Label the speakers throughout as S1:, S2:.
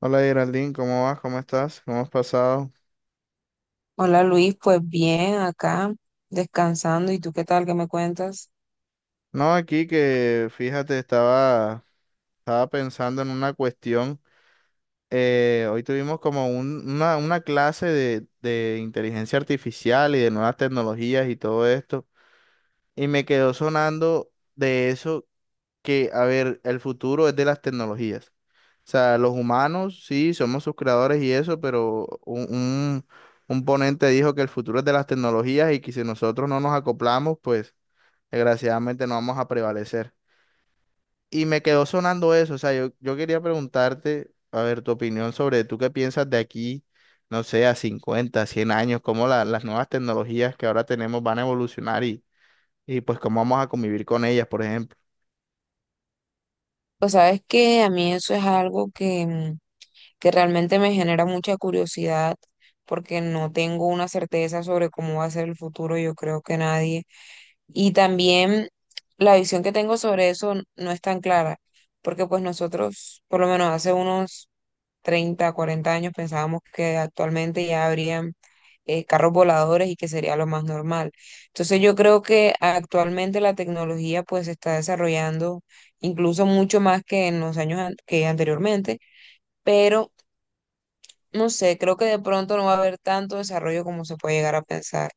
S1: Hola Geraldine, ¿cómo vas? ¿Cómo estás? ¿Cómo has pasado?
S2: Hola Luis, pues bien, acá descansando. ¿Y tú qué tal? ¿Qué me cuentas?
S1: No, aquí que fíjate, estaba pensando en una cuestión. Hoy tuvimos como una clase de inteligencia artificial y de nuevas tecnologías y todo esto. Y me quedó sonando de eso que, a ver, el futuro es de las tecnologías. O sea, los humanos, sí, somos sus creadores y eso, pero un ponente dijo que el futuro es de las tecnologías y que si nosotros no nos acoplamos, pues desgraciadamente no vamos a prevalecer. Y me quedó sonando eso, o sea, yo quería preguntarte, a ver, tu opinión sobre tú qué piensas de aquí, no sé, a 50 100 años, cómo las nuevas tecnologías que ahora tenemos van a evolucionar, y pues cómo vamos a convivir con ellas, por ejemplo.
S2: Pues sabes que a mí eso es algo que realmente me genera mucha curiosidad porque no tengo una certeza sobre cómo va a ser el futuro, yo creo que nadie. Y también la visión que tengo sobre eso no es tan clara porque pues nosotros, por lo menos hace unos 30, 40 años pensábamos que actualmente ya habrían carros voladores y que sería lo más normal. Entonces yo creo que actualmente la tecnología pues se está desarrollando incluso mucho más que en los años an- que anteriormente, pero no sé, creo que de pronto no va a haber tanto desarrollo como se puede llegar a pensar.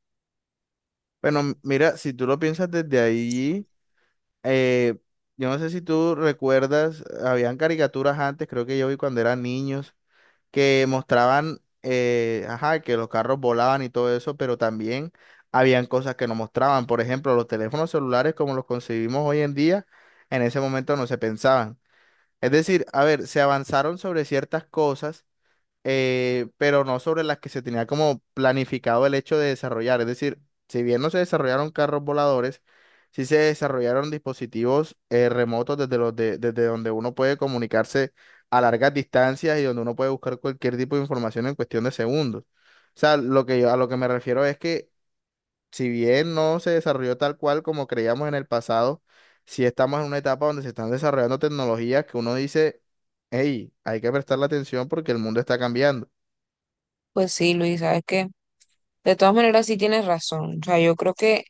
S1: Bueno, mira, si tú lo piensas desde ahí, eh, yo no sé si tú recuerdas, habían caricaturas antes, creo que yo vi cuando eran niños, que mostraban, ajá, que los carros volaban y todo eso, pero también habían cosas que no mostraban. Por ejemplo, los teléfonos celulares como los concebimos hoy en día, en ese momento no se pensaban. Es decir, a ver, se avanzaron sobre ciertas cosas, pero no sobre las que se tenía como planificado el hecho de desarrollar. Es decir, si bien no se desarrollaron carros voladores, sí se desarrollaron dispositivos, remotos desde los desde donde uno puede comunicarse a largas distancias y donde uno puede buscar cualquier tipo de información en cuestión de segundos. O sea, lo que yo, a lo que me refiero es que si bien no se desarrolló tal cual como creíamos en el pasado, sí estamos en una etapa donde se están desarrollando tecnologías que uno dice, hey, hay que prestarle atención porque el mundo está cambiando.
S2: Pues sí, Luis, sabes que de todas maneras sí tienes razón. O sea, yo creo que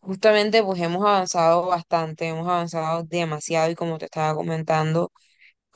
S2: justamente pues hemos avanzado bastante, hemos avanzado demasiado y como te estaba comentando.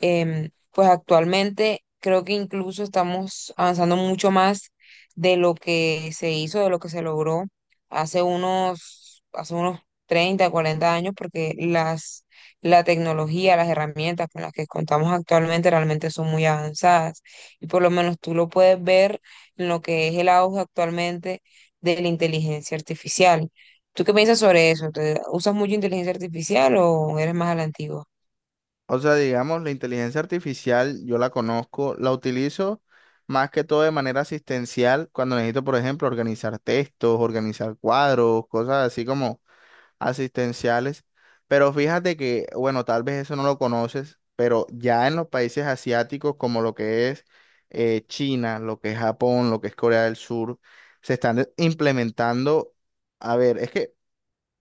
S2: Pues actualmente creo que incluso estamos avanzando mucho más de lo que se hizo, de lo que se logró hace unos 30, 40 años, porque la tecnología, las herramientas con las que contamos actualmente realmente son muy avanzadas. Y por lo menos tú lo puedes ver en lo que es el auge actualmente de la inteligencia artificial. ¿Tú qué piensas sobre eso? ¿Usas mucho inteligencia artificial o eres más a la antigua?
S1: O sea, digamos, la inteligencia artificial yo la conozco, la utilizo más que todo de manera asistencial cuando necesito, por ejemplo, organizar textos, organizar cuadros, cosas así como asistenciales. Pero fíjate que, bueno, tal vez eso no lo conoces, pero ya en los países asiáticos como lo que es, China, lo que es Japón, lo que es Corea del Sur, se están implementando, a ver, es que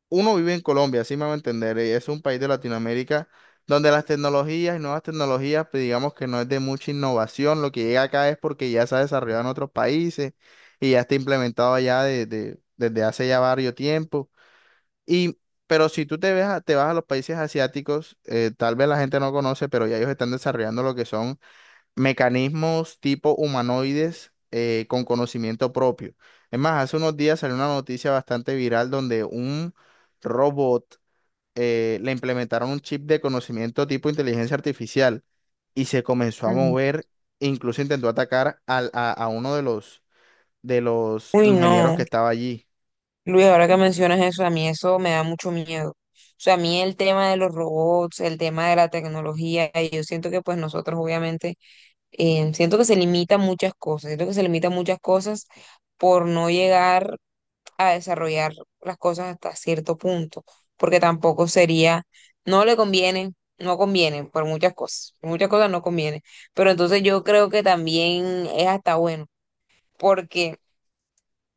S1: uno vive en Colombia, así me va a entender, y es un país de Latinoamérica donde las tecnologías y nuevas tecnologías, pues digamos que no es de mucha innovación, lo que llega acá es porque ya se ha desarrollado en otros países y ya está implementado allá desde hace ya varios tiempos. Y, pero si tú te ves te vas a los países asiáticos, tal vez la gente no conoce, pero ya ellos están desarrollando lo que son mecanismos tipo humanoides, con conocimiento propio. Es más, hace unos días salió una noticia bastante viral donde un robot, le implementaron un chip de conocimiento tipo inteligencia artificial y se comenzó a
S2: Ujú.
S1: mover, incluso intentó atacar a uno de los
S2: Uy,
S1: ingenieros que
S2: no.
S1: estaba allí.
S2: Luis, ahora que mencionas eso, a mí eso me da mucho miedo. O sea, a mí el tema de los robots, el tema de la tecnología, y yo siento que pues nosotros obviamente, siento que se limitan muchas cosas, siento que se limitan muchas cosas por no llegar a desarrollar las cosas hasta cierto punto, porque tampoco sería, no le conviene, no conviene por muchas cosas no conviene, pero entonces yo creo que también es hasta bueno, porque...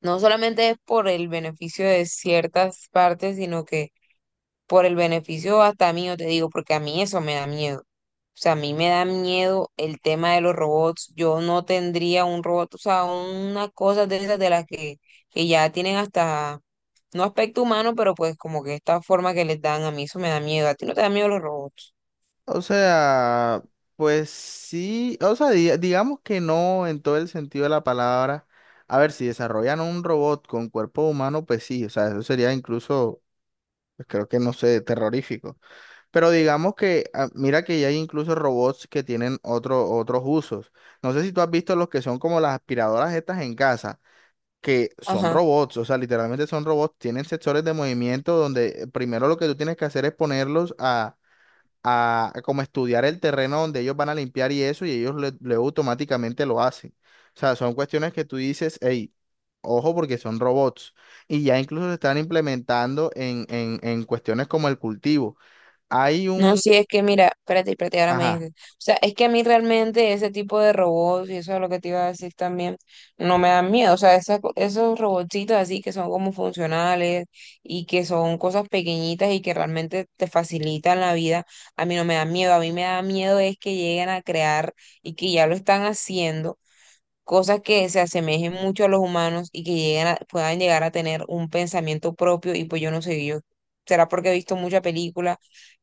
S2: No solamente es por el beneficio de ciertas partes, sino que por el beneficio hasta mío, te digo, porque a mí eso me da miedo. O sea, a mí me da miedo el tema de los robots. Yo no tendría un robot, o sea, una cosa de esas de las que ya tienen hasta, no aspecto humano, pero pues como que esta forma que les dan, a mí eso me da miedo. ¿A ti no te da miedo los robots?
S1: O sea, pues sí, o sea, digamos que no en todo el sentido de la palabra. A ver, si desarrollan un robot con cuerpo humano, pues sí, o sea, eso sería incluso, pues, creo que no sé, terrorífico. Pero digamos que, ah, mira que ya hay incluso robots que tienen otro, otros usos. No sé si tú has visto los que son como las aspiradoras estas en casa, que son
S2: Ajá.
S1: robots, o sea, literalmente son robots, tienen sensores de movimiento donde, primero lo que tú tienes que hacer es ponerlos a a como estudiar el terreno donde ellos van a limpiar y eso, y ellos luego automáticamente lo hacen. O sea, son cuestiones que tú dices, hey, ojo porque son robots. Y ya incluso se están implementando en cuestiones como el cultivo. Hay
S2: No,
S1: un,
S2: sí, es que mira, espérate, espérate, ahora me
S1: ajá,
S2: dices. O sea, es que a mí realmente ese tipo de robots, y eso es lo que te iba a decir también, no me dan miedo. O sea, esos robotcitos así que son como funcionales y que son cosas pequeñitas y que realmente te facilitan la vida, a mí no me dan miedo. A mí me da miedo es que lleguen a crear y que ya lo están haciendo, cosas que se asemejen mucho a los humanos y que puedan llegar a tener un pensamiento propio y pues yo no sé, yo. Será porque he visto mucha película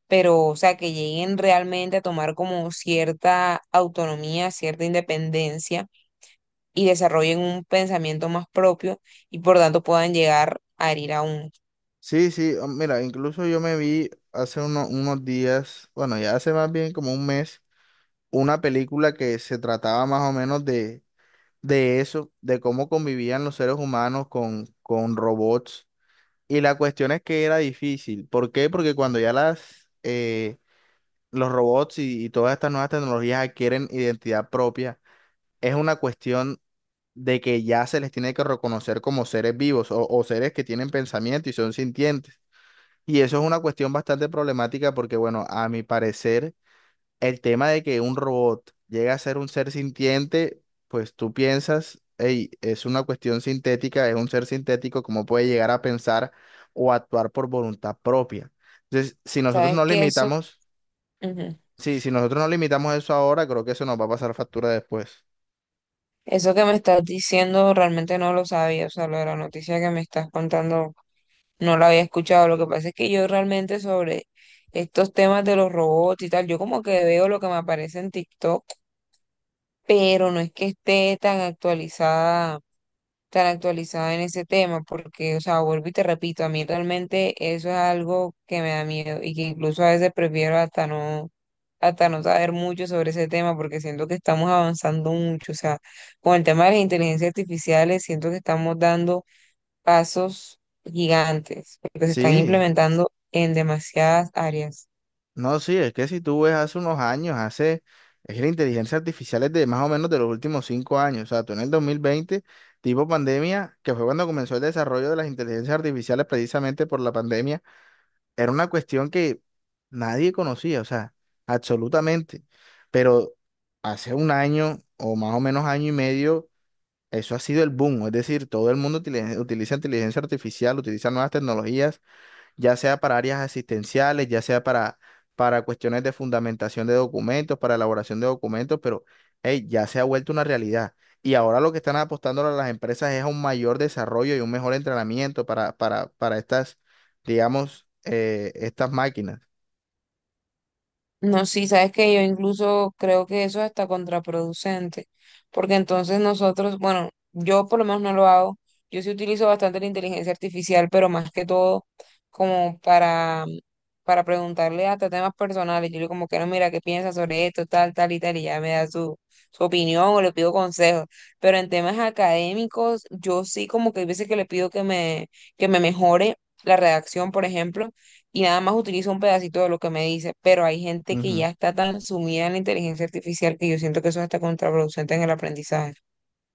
S2: pero o sea, que lleguen realmente a tomar como cierta autonomía, cierta independencia y desarrollen un pensamiento más propio y por tanto puedan llegar a herir a uno.
S1: sí, sí, oh, mira, incluso yo me vi hace unos días, bueno, ya hace más bien como un mes, una película que se trataba más o menos de eso, de cómo convivían los seres humanos con robots. Y la cuestión es que era difícil. ¿Por qué? Porque cuando ya las, los robots y todas estas nuevas tecnologías adquieren identidad propia, es una cuestión de que ya se les tiene que reconocer como seres vivos, o seres que tienen pensamiento y son sintientes. Y eso es una cuestión bastante problemática porque, bueno, a mi parecer el tema de que un robot llega a ser un ser sintiente, pues tú piensas, hey, es una cuestión sintética, es un ser sintético, ¿cómo puede llegar a pensar o actuar por voluntad propia? Entonces, si nosotros
S2: ¿Sabes
S1: no
S2: que Eso,
S1: limitamos,
S2: Ujú.
S1: sí, si nosotros no limitamos eso ahora, creo que eso nos va a pasar factura después.
S2: Eso que me estás diciendo realmente no lo sabía, o sea, lo de la noticia que me estás contando no la había escuchado. Lo que pasa es que yo realmente sobre estos temas de los robots y tal, yo como que veo lo que me aparece en TikTok, pero no es que esté tan actualizada en ese tema, porque, o sea, vuelvo y te repito, a mí realmente eso es algo que me da miedo y que incluso a veces prefiero hasta no saber mucho sobre ese tema, porque siento que estamos avanzando mucho, o sea, con el tema de las inteligencias artificiales, siento que estamos dando pasos gigantes, porque se están
S1: Sí.
S2: implementando en demasiadas áreas.
S1: No, sí, es que si tú ves hace unos años, hace, es que la inteligencia artificial es de más o menos de los últimos 5 años, o sea, tú en el 2020 tipo pandemia, que fue cuando comenzó el desarrollo de las inteligencias artificiales precisamente por la pandemia, era una cuestión que nadie conocía, o sea, absolutamente, pero hace un año o más o menos año y medio, eso ha sido el boom, es decir, todo el mundo utiliza inteligencia artificial, utiliza nuevas tecnologías ya sea para áreas asistenciales, ya sea para cuestiones de fundamentación de documentos, para elaboración de documentos, pero hey, ya se ha vuelto una realidad. Y ahora lo que están apostando las empresas es a un mayor desarrollo y un mejor entrenamiento para estas, digamos, estas máquinas.
S2: No, sí, sabes que yo incluso creo que eso es hasta contraproducente, porque entonces nosotros, bueno, yo por lo menos no lo hago, yo sí utilizo bastante la inteligencia artificial, pero más que todo como para preguntarle hasta temas personales, yo digo como que no, mira, ¿qué piensas sobre esto, tal, tal y tal? Y ya me da su opinión o le pido consejos, pero en temas académicos, yo sí como que hay veces que le pido que me mejore la redacción, por ejemplo, y nada más utilizo un pedacito de lo que me dice, pero hay gente que
S1: Ujú.
S2: ya está tan sumida en la inteligencia artificial que yo siento que eso es hasta contraproducente en el aprendizaje.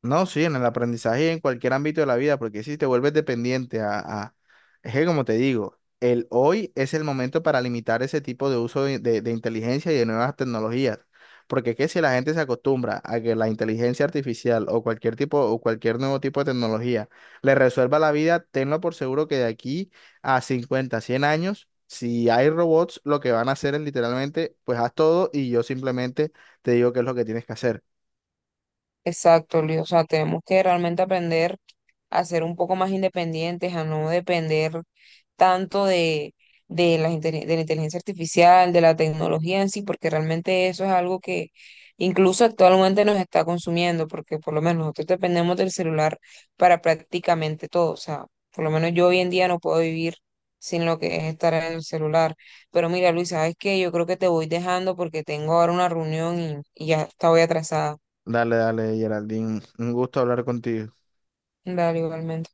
S1: No, sí, en el aprendizaje y en cualquier ámbito de la vida, porque si te vuelves dependiente a. Es que como te digo, el hoy es el momento para limitar ese tipo de uso de, de inteligencia y de nuevas tecnologías, porque es que si la gente se acostumbra a que la inteligencia artificial o cualquier tipo o cualquier nuevo tipo de tecnología le resuelva la vida, tenlo por seguro que de aquí a 50, 100 años, si hay robots, lo que van a hacer es literalmente, pues haz todo y yo simplemente te digo qué es lo que tienes que hacer.
S2: Exacto, Luis. O sea, tenemos que realmente aprender a ser un poco más independientes, a no depender tanto de la inteligencia artificial, de la tecnología en sí, porque realmente eso es algo que incluso actualmente nos está consumiendo, porque por lo menos nosotros dependemos del celular para prácticamente todo. O sea, por lo menos yo hoy en día no puedo vivir sin lo que es estar en el celular. Pero mira, Luis, ¿sabes qué? Yo creo que te voy dejando porque tengo ahora una reunión y ya estaba atrasada.
S1: Dale, dale, Geraldine. Un gusto hablar contigo.
S2: Dale, igualmente.